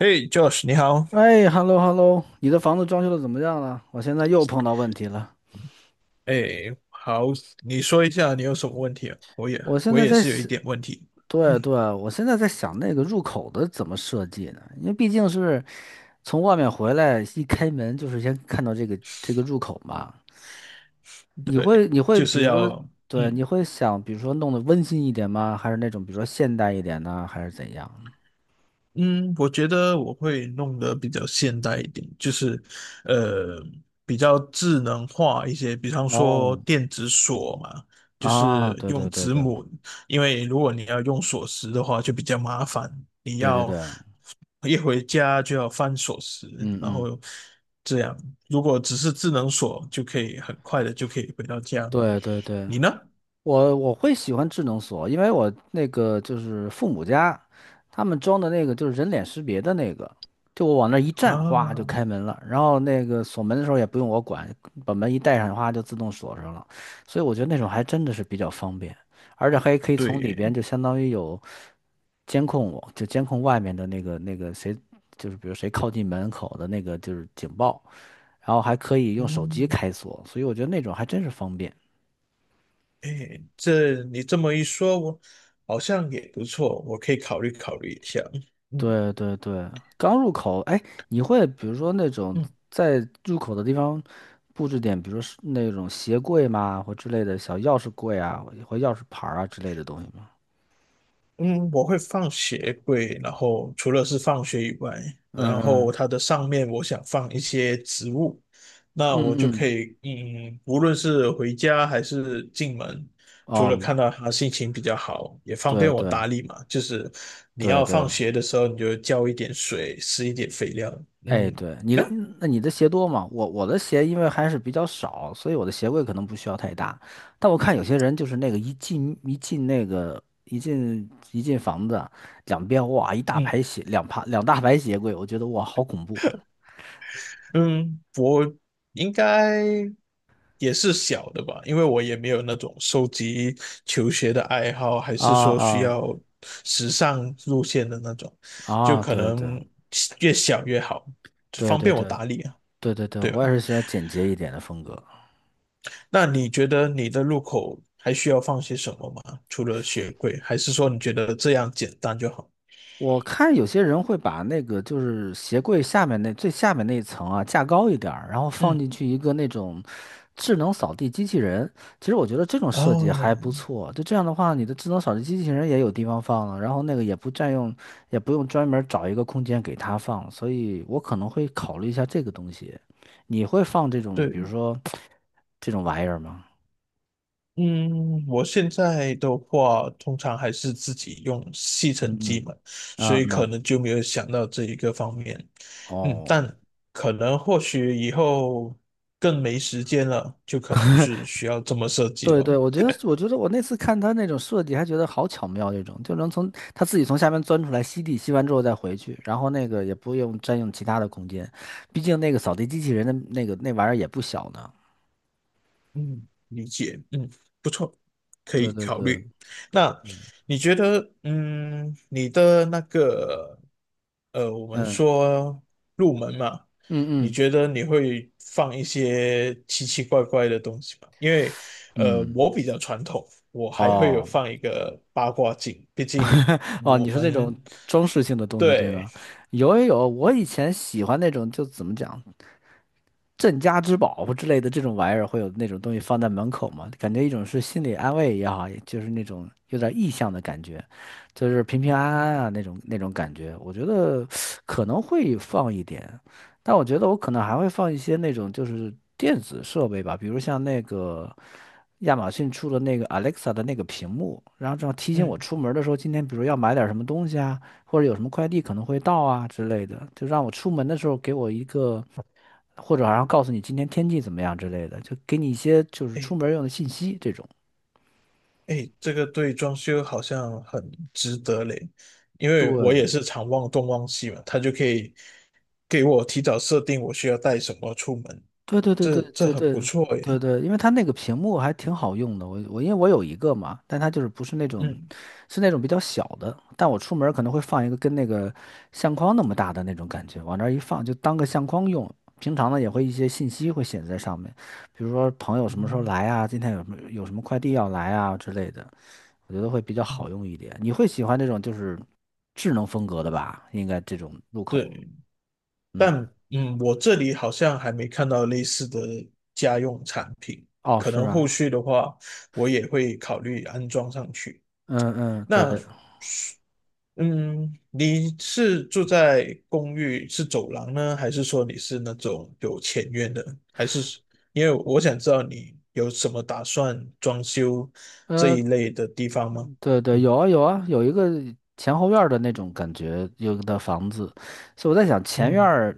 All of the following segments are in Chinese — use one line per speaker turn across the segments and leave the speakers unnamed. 嘿，Josh，你好。
哎，hello hello,你的房子装修的怎么样了？我现在又碰到问题了。
哎，好，你说一下你有什么问题啊？我也
我现
我
在
也
在
是有一
想，
点问题。
对啊
嗯，
对啊，我现在在想那个入口的怎么设计呢？因为毕竟是从外面回来，一开门就是先看到这个入口嘛。你会
对，
你会
就
比
是
如说，
要
对，
嗯
你会想，比如说弄得温馨一点吗？还是那种比如说现代一点呢？还是怎样？
嗯，我觉得我会弄得比较现代一点，就是，呃，比较智能化一些，比方说
哦，
电子锁嘛，就
啊，
是
对对
用
对
指
对
模，因为如果你要用锁匙的话，就比较麻烦，你
对对
要
对，
一回家就要翻锁匙，
嗯
然
嗯，
后这样，如果只是智能锁，就可以很快的就可以回到家。
对对对。
你呢？
我会喜欢智能锁，因为我那个就是父母家，他们装的那个就是人脸识别的那个，就我往那一站，哗就
啊，
开门了。然后那个锁门的时候也不用我管，把门一带上，哗就自动锁上了。所以我觉得那种还真的是比较方便，而且还可以从里
对，
边就相当于有监控我，就监控外面的那个谁，就是比如谁靠近门口的那个就是警报，然后还可以用手机
嗯。
开锁，所以我觉得那种还真是方便。
哎，这你这么一说，我好像也不错，我可以考虑考虑一下。嗯
对对对，刚入口，哎，你会比如说那种
嗯，
在入口的地方布置点，比如说是那种鞋柜嘛，或之类的小钥匙柜啊，或钥匙牌儿啊之类的东西吗？
嗯，我会放鞋柜，然后除了是放学以外，
嗯
然后
嗯
它的上面我想放一些植物，那
嗯
我就可
嗯，
以，无论是回家还是进门，除了
哦，
看到它心情比较好，也方
对
便我
对
打理嘛。就是你
对
要
对，
放学的时候，你就浇一点水，施一点肥料。
哎，
嗯，
对，你
你呢？
的，那你的鞋多吗？我的鞋因为还是比较少，所以我的鞋柜可能不需要太大。但我看有些人就是那个一进一进那个一进一进房子，两边哇一大
嗯
排鞋，两排两大排鞋柜，我觉得哇好恐怖
嗯。应该也是小的吧，因为我也没有那种收集球鞋的爱好，还
啊
是说需要
啊
时尚路线的那种，
啊！
就
啊
可
对对
能越小越好，
对
方
对
便我
对
打理啊，
对对对，
对吧？
我也是喜欢简洁一点的风格。
那你觉得你的入口还需要放些什么吗？除了鞋柜，还是说你觉得这样简单就好？
我看有些人会把那个就是鞋柜下面那最下面那一层啊架高一点儿，然后放
嗯，
进去一个那种智能扫地机器人。其实我觉得这种设计
哦，
还不错，就这样的话，你的智能扫地机器人也有地方放了，然后那个也不占用，也不用专门儿找一个空间给它放，所以我可能会考虑一下这个东西。你会放这种，
对。
比如说这种玩意儿吗？
嗯，我现在的话，通常还是自己用吸
嗯
尘机
嗯
嘛，所以
嗯
可
嗯，
能就没有想到这一个方面。嗯，
哦。
但可能或许以后更没时间了，就可能是需要这么设计
对
了。
对，我觉得，我觉得我那次看他那种设计，还觉得好巧妙，这种就能从他自己从下面钻出来吸地，吸完之后再回去，然后那个也不用占用其他的空间，毕竟那个扫地机器人的那个那玩意儿也不小呢。
嗯，理解，嗯，不错，可
对
以
对
考
对，
虑。那
嗯
你觉得，嗯，你的那个，我们
嗯
说入门嘛，
嗯
你
嗯
觉得你会放一些奇奇怪怪的东西吗？因为，
嗯，
我比较传统，我还会有
哦
放一个八卦镜，毕竟
哦，
我
你说那
们
种装饰性的东西对
对，
吧？有有有，我以前喜欢那种，就怎么讲？镇家之宝或之类的这种玩意儿，会有那种东西放在门口吗？感觉一种是心理安慰也好，也就是那种有点意向的感觉，就是平平安
嗯
安啊那种感觉。我觉得可能会放一点，但我觉得我可能还会放一些那种就是电子设备吧，比如像那个亚马逊出的那个 Alexa 的那个屏幕，然后这样提醒我
嗯，
出门的时候，今天比如要买点什么东西啊，或者有什么快递可能会到啊之类的，就让我出门的时候给我一个。或者好像告诉你今天天气怎么样之类的，就给你一些就是
诶
出门用的信息这种。
哎，这个对装修好像很值得嘞，因为我
对，
也是常忘东忘西嘛，他就可以给我提早设定我需要带什么出门，
对对对对
这
对
很
对
不错
对
耶。
对，因为它那个屏幕还挺好用的，我因为我有一个嘛，但它就是不是那种，
嗯
是那种比较小的，但我出门儿可能会放一个跟那个相框那么大的那种感觉，往那儿一放就当个相框用。平常呢也会一些信息会写在上面，比如说朋友什么时候
嗯，
来啊，今天有什么快递要来啊之类的，我觉得会比较好
嗯，
用一点。你会喜欢这种就是智能风格的吧？应该这种入口，
对，但
嗯，
我这里好像还没看到类似的家用产品，
哦，
可
是
能后
吧？
续的话我也会考虑安装上去。
嗯嗯，
那
对。
嗯，你是住在公寓是走廊呢，还是说你是那种有前院的？还是因为我想知道你有什么打算装修这
呃，
一类的地方吗？
对对，
嗯
有啊有啊，有一个前后院儿的那种感觉，有的房子，所以我在想前院
嗯
儿，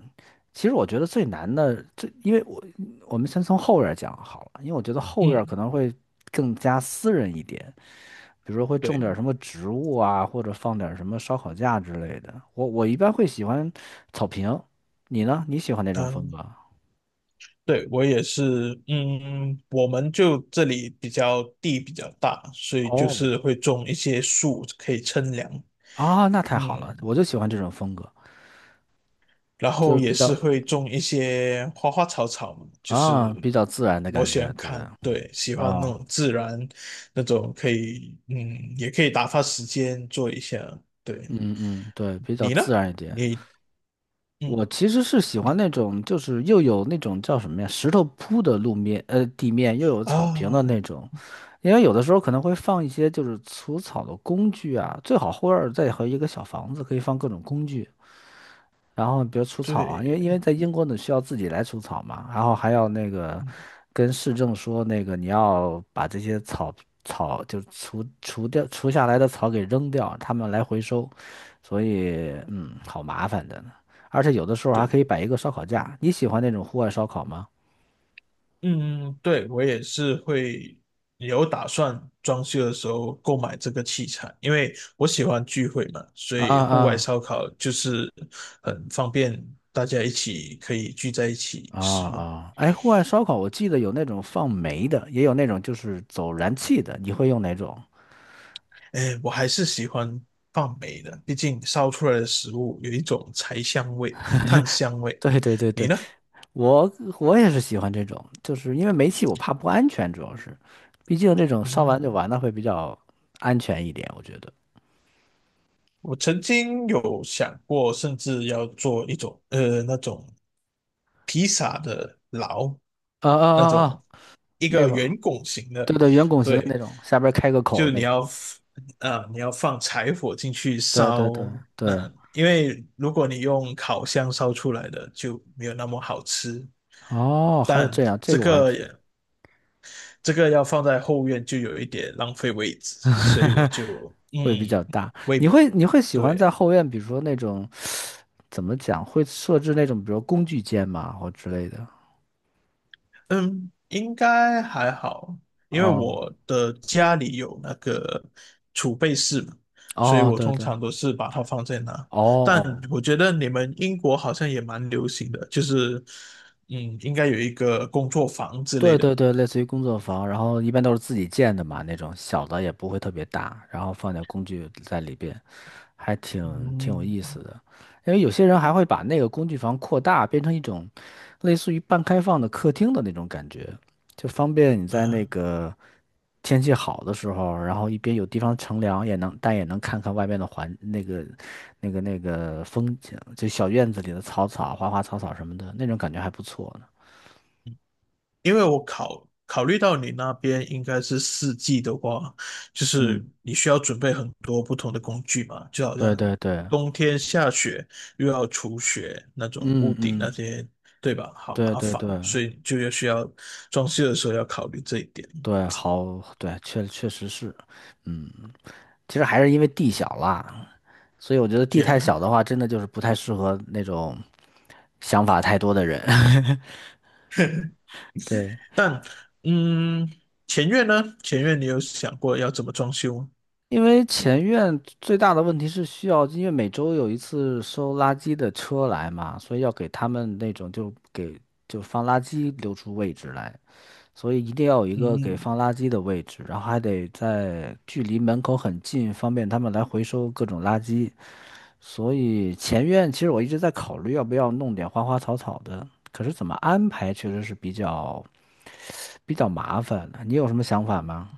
其实我觉得最难的，最因为我我们先从后院儿讲好了，因为我觉得后院儿
嗯，
可能会更加私人一点，比如说会种
对，
点儿什么植物啊，或者放点儿什么烧烤架之类的。我一般会喜欢草坪，你呢？你喜欢哪种风
当
格？
对我也是，我们就这里比较地比较大，所以就
哦，
是会种一些树可以乘凉。
啊，那太好了，
嗯，
我就喜欢这种风格，
然
就
后
是
也
比较
是会种一些花花草草嘛，就是
啊比较自然的
我
感
喜
觉，
欢
对不对？
看，对，喜欢那
啊。
种自然，那种可以，也可以打发时间做一下。对，
嗯嗯，对，比较
你呢？
自然一点。
你，嗯
我其实是喜欢那种，就是又有那种叫什么呀，石头铺的路面，地面又有草坪的那
啊，
种。因为有的时候可能会放一些就是除草的工具啊，最好后院儿再和一个小房子，可以放各种工具。然后比如除草啊，因为
对，
在英国你需要自己来除草嘛，然后还要那个
嗯，
跟市政说那个你要把这些草草就除除掉除下来的草给扔掉，他们来回收，所以嗯，好麻烦的呢。而且有的时候还可
对。
以摆一个烧烤架，你喜欢那种户外烧烤吗？
嗯，对，我也是会有打算装修的时候购买这个器材，因为我喜欢聚会嘛，所
啊
以户外
啊
烧烤就是很方便，大家一起可以聚在一起
啊
使用。
啊！哎，户外烧烤我记得有那种放煤的，也有那种就是走燃气的，你会用哪种？
哎，我还是喜欢放煤的，毕竟烧出来的食物有一种柴香味、炭香味。
对对对
你
对，
呢？
我我也是喜欢这种，就是因为煤气我怕不安全，主要是，毕竟这种烧完就
嗯。
完了会比较安全一点，我觉得。
我曾经有想过，甚至要做一种那种披萨的牢，
啊啊
那
啊
种
啊，
一
那
个
个，
圆拱形
对
的，
对，圆拱形的那
对，
种，下边开个口
就
那种。
啊、你要放柴火进去
对对对
烧，
对，
那因为如果你用烤箱烧出来的就没有那么好吃，
哦，还有
但
这样，这
这
个我还
个
真
也这个要放在后院就有一点浪费位置，所以我 就
会比较大。
为
你会喜欢在
对。
后院，比如说那种怎么讲，会设置那种，比如工具间嘛，或之类的。
嗯，应该还好，因为
哦
我的家里有那个储备室嘛，所以
哦，
我
对
通
对，哦
常都是把它放在那。但
哦，
我觉得你们英国好像也蛮流行的，就是应该有一个工作房之类
对
的。
对对，类似于工作房，然后一般都是自己建的嘛，那种小的也不会特别大，然后放点工具在里边，还挺有
嗯，
意思的。因为有些人还会把那个工具房扩大，变成一种类似于半开放的客厅的那种感觉，就方便你在那
啊。
个天气好的时候，然后一边有地方乘凉，也能但也能看看外面的环那个那个风景，就小院子里的草草、花花草草什么的，那种感觉还不错呢。
因为我考虑到你那边应该是四季的话，就是
嗯，
你需要准备很多不同的工具嘛，就好
对
像
对对，
冬天下雪又要除雪那种屋
嗯
顶那
嗯，
些，对吧？好
对
麻
对
烦，
对
所以就要需要装修的时候要考虑这一点。
对，好，对，确确实是，嗯，其实还是因为地小啦，所以我觉得地太小
Yeah，
的话，真的就是不太适合那种想法太多的人。对，
嗯，前院呢？前院你有想过要怎么装修吗？
因为前院最大的问题是需要，因为每周有一次收垃圾的车来嘛，所以要给他们那种就给就放垃圾留出位置来。所以一定要有一个给
嗯
放垃圾的位置，然后还得在距离门口很近，方便他们来回收各种垃圾。所以前院其实我一直在考虑要不要弄点花花草草的，可是怎么安排确实是比较麻烦的你有什么想法吗？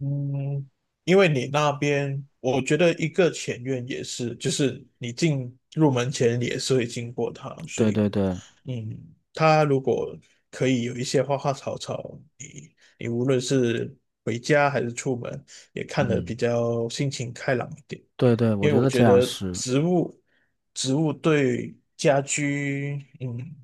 嗯，因为你那边，我觉得一个前院也是，就是你进入门前你也是会经过它，所
对
以，
对对，
它如果可以有一些花花草草，你无论是回家还是出门，也看得比
嗯，
较心情开朗一点。
对对，我
因为
觉
我
得
觉
这样
得
是。
植物对家居，嗯，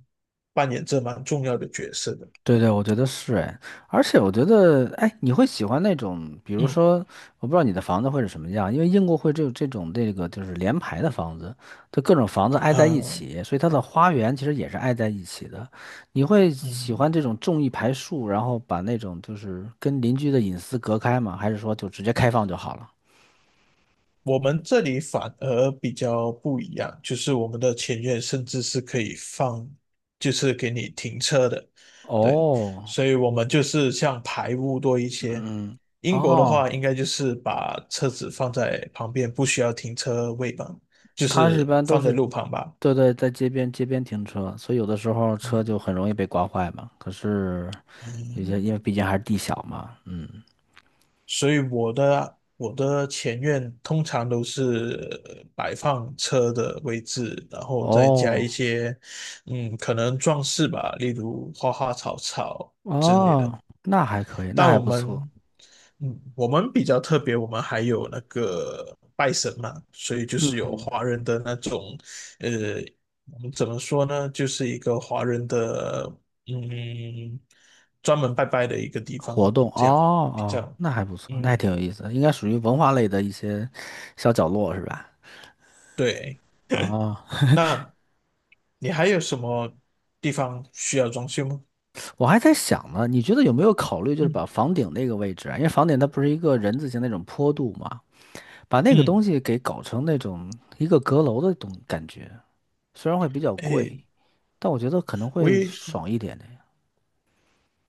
扮演着蛮重要的角色的。
对对，我觉得是哎，而且我觉得哎，你会喜欢那种，比如
嗯，
说，我不知道你的房子会是什么样，因为英国会这种就是连排的房子，就各种房子挨在一
呃，
起，所以它的花园其实也是挨在一起的。你会喜
嗯。
欢这种种一排树，然后把那种就是跟邻居的隐私隔开吗？还是说就直接开放就好了？
我们这里反而比较不一样，就是我们的前院甚至是可以放，就是给你停车的，对，
哦，
所以我们就是像排污多一些。
嗯嗯，
英国的话，
哦。
应该就是把车子放在旁边，不需要停车位吧，就
它一
是
般都
放在
是，
路旁吧。
对对，在街边停车，所以有的时候车
嗯
就很容易被刮坏嘛。可是有些因
嗯，
为毕竟还是地小嘛，嗯，
所以我的前院通常都是摆放车的位置，然后再加一
哦
些，可能装饰吧，例如花花草草之类的。
哦，那还可以，那
但
还
我
不错。
们，我们比较特别，我们还有那个拜神嘛，所以就是有华人的那种，呃，我们怎么说呢，就是一个华人的，嗯，专门拜拜的一个地
活
方，
动哦
这样比较。
哦，那还不错，那还挺
嗯，
有意思的应该属于文化类的一些小角落是吧？
对，
哦，
那你还有什么地方需要装修吗？
我还在想呢，你觉得有没有考虑就是把
嗯
房顶那个位置啊，因为房顶它不是一个人字形那种坡度嘛，把那个东
嗯，
西给搞成那种一个阁楼的东感觉。虽然会比较
哎，
贵，但我觉得可能
我
会
也
爽一点的呀。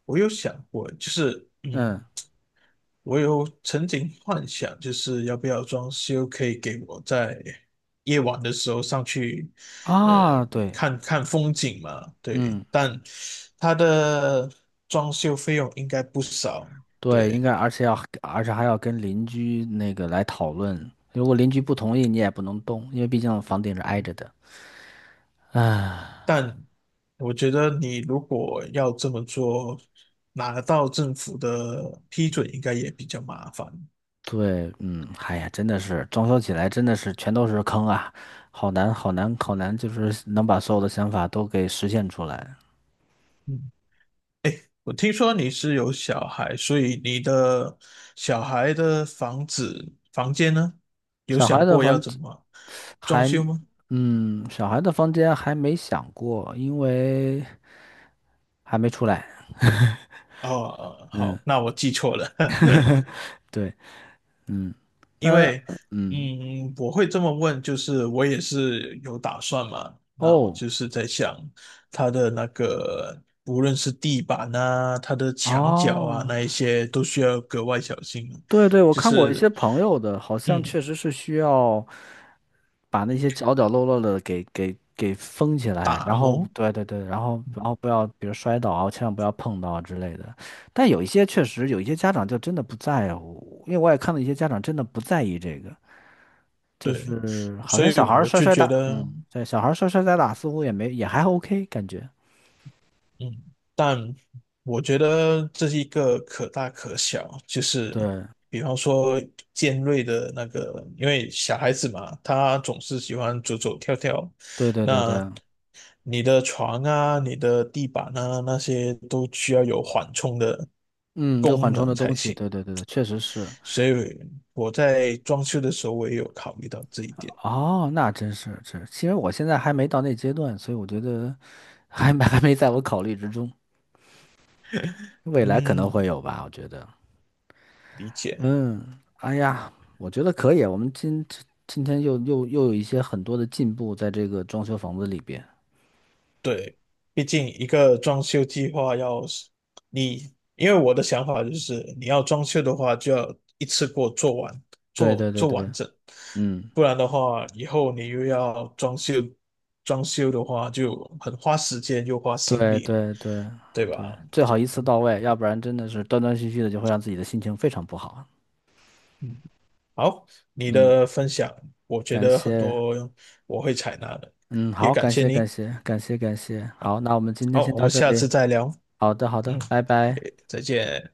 我有想过，就是
嗯
我有曾经幻想，就是要不要装修，可以给我在夜晚的时候上去，
啊，
呃，
对，
看看风景嘛。对，
嗯
但它的装修费用应该不少。
对，应
对，
该而且要而且还要跟邻居那个来讨论，如果邻居不同意，你也不能动，因为毕竟房顶是挨着的。
但我觉得你如果要这么做，拿到政府的批准应该也比较麻烦。
对，嗯，哎呀，真的是装修起来真的是全都是坑啊，好难好难好难，就是能把所有的想法都给实现出来。
嗯，我听说你是有小孩，所以你的小孩的房间呢，有
小孩
想
的
过要
房
怎么装
还，
修吗？
嗯，小孩的房间还没想过，因为还没出来。
哦，哦
嗯。
好，那我记错了。
对，嗯，
因
呃，
为，
嗯，
我会这么问，就是我也是有打算嘛。那我
哦，
就是在想，它的那个无论是地板啊，它的墙角啊，
哦，
那一些都需要格外小心，
对对，我
就
看过一些
是
朋友的，好像
嗯，
确实是需要把那些角角落落的给封起来，
打
然后
磨。
对对对，然后不要，比如摔倒啊，千万不要碰到啊之类的。但有一些确实有一些家长就真的不在乎，因为我也看到一些家长真的不在意这个，就
对，
是好
所
像
以
小孩儿
我
摔
就
摔
觉
打，
得。
嗯，对，小孩儿摔摔打打似乎也没也还 OK 感觉，
嗯，但我觉得这是一个可大可小，就是
对
比方说尖锐的那个，因为小孩子嘛，他总是喜欢走走跳跳，
对对对对。
那你的床啊、你的地板啊那些都需要有缓冲的
嗯，就缓
功
冲
能
的
才
东西，
行，
对对对对，确实是。
所以我在装修的时候我也有考虑到这一点。
哦，那真是是，其实我现在还没到那阶段，所以我觉得还没 还没在我考虑之中，未来可能
嗯，
会有吧，我觉得。
理解。
嗯，哎呀，我觉得可以啊，我们今今天又有一些很多的进步在这个装修房子里边。
对，毕竟一个装修计划要是你，因为我的想法就是，你要装修的话，就要一次过做完，
对
做
对对
做
对，
完整，
嗯，
不然的话，以后你又要装修，装修的话就很花时间又花心
对
力，
对对
对
对，
吧？
最好一次
嗯，
到位，要不然真的是断断续续的，就会让自己的心情非常不好啊。
嗯好，你
嗯，
的分享，我觉
感
得很
谢。
多我会采纳的，
嗯，
也
好，
感
感
谢
谢感
你。
谢感谢感谢，好，那我们今天
好，
先
我
到
们
这
下
里。
次再聊。
好的好
嗯，
的，拜拜。
诶再见。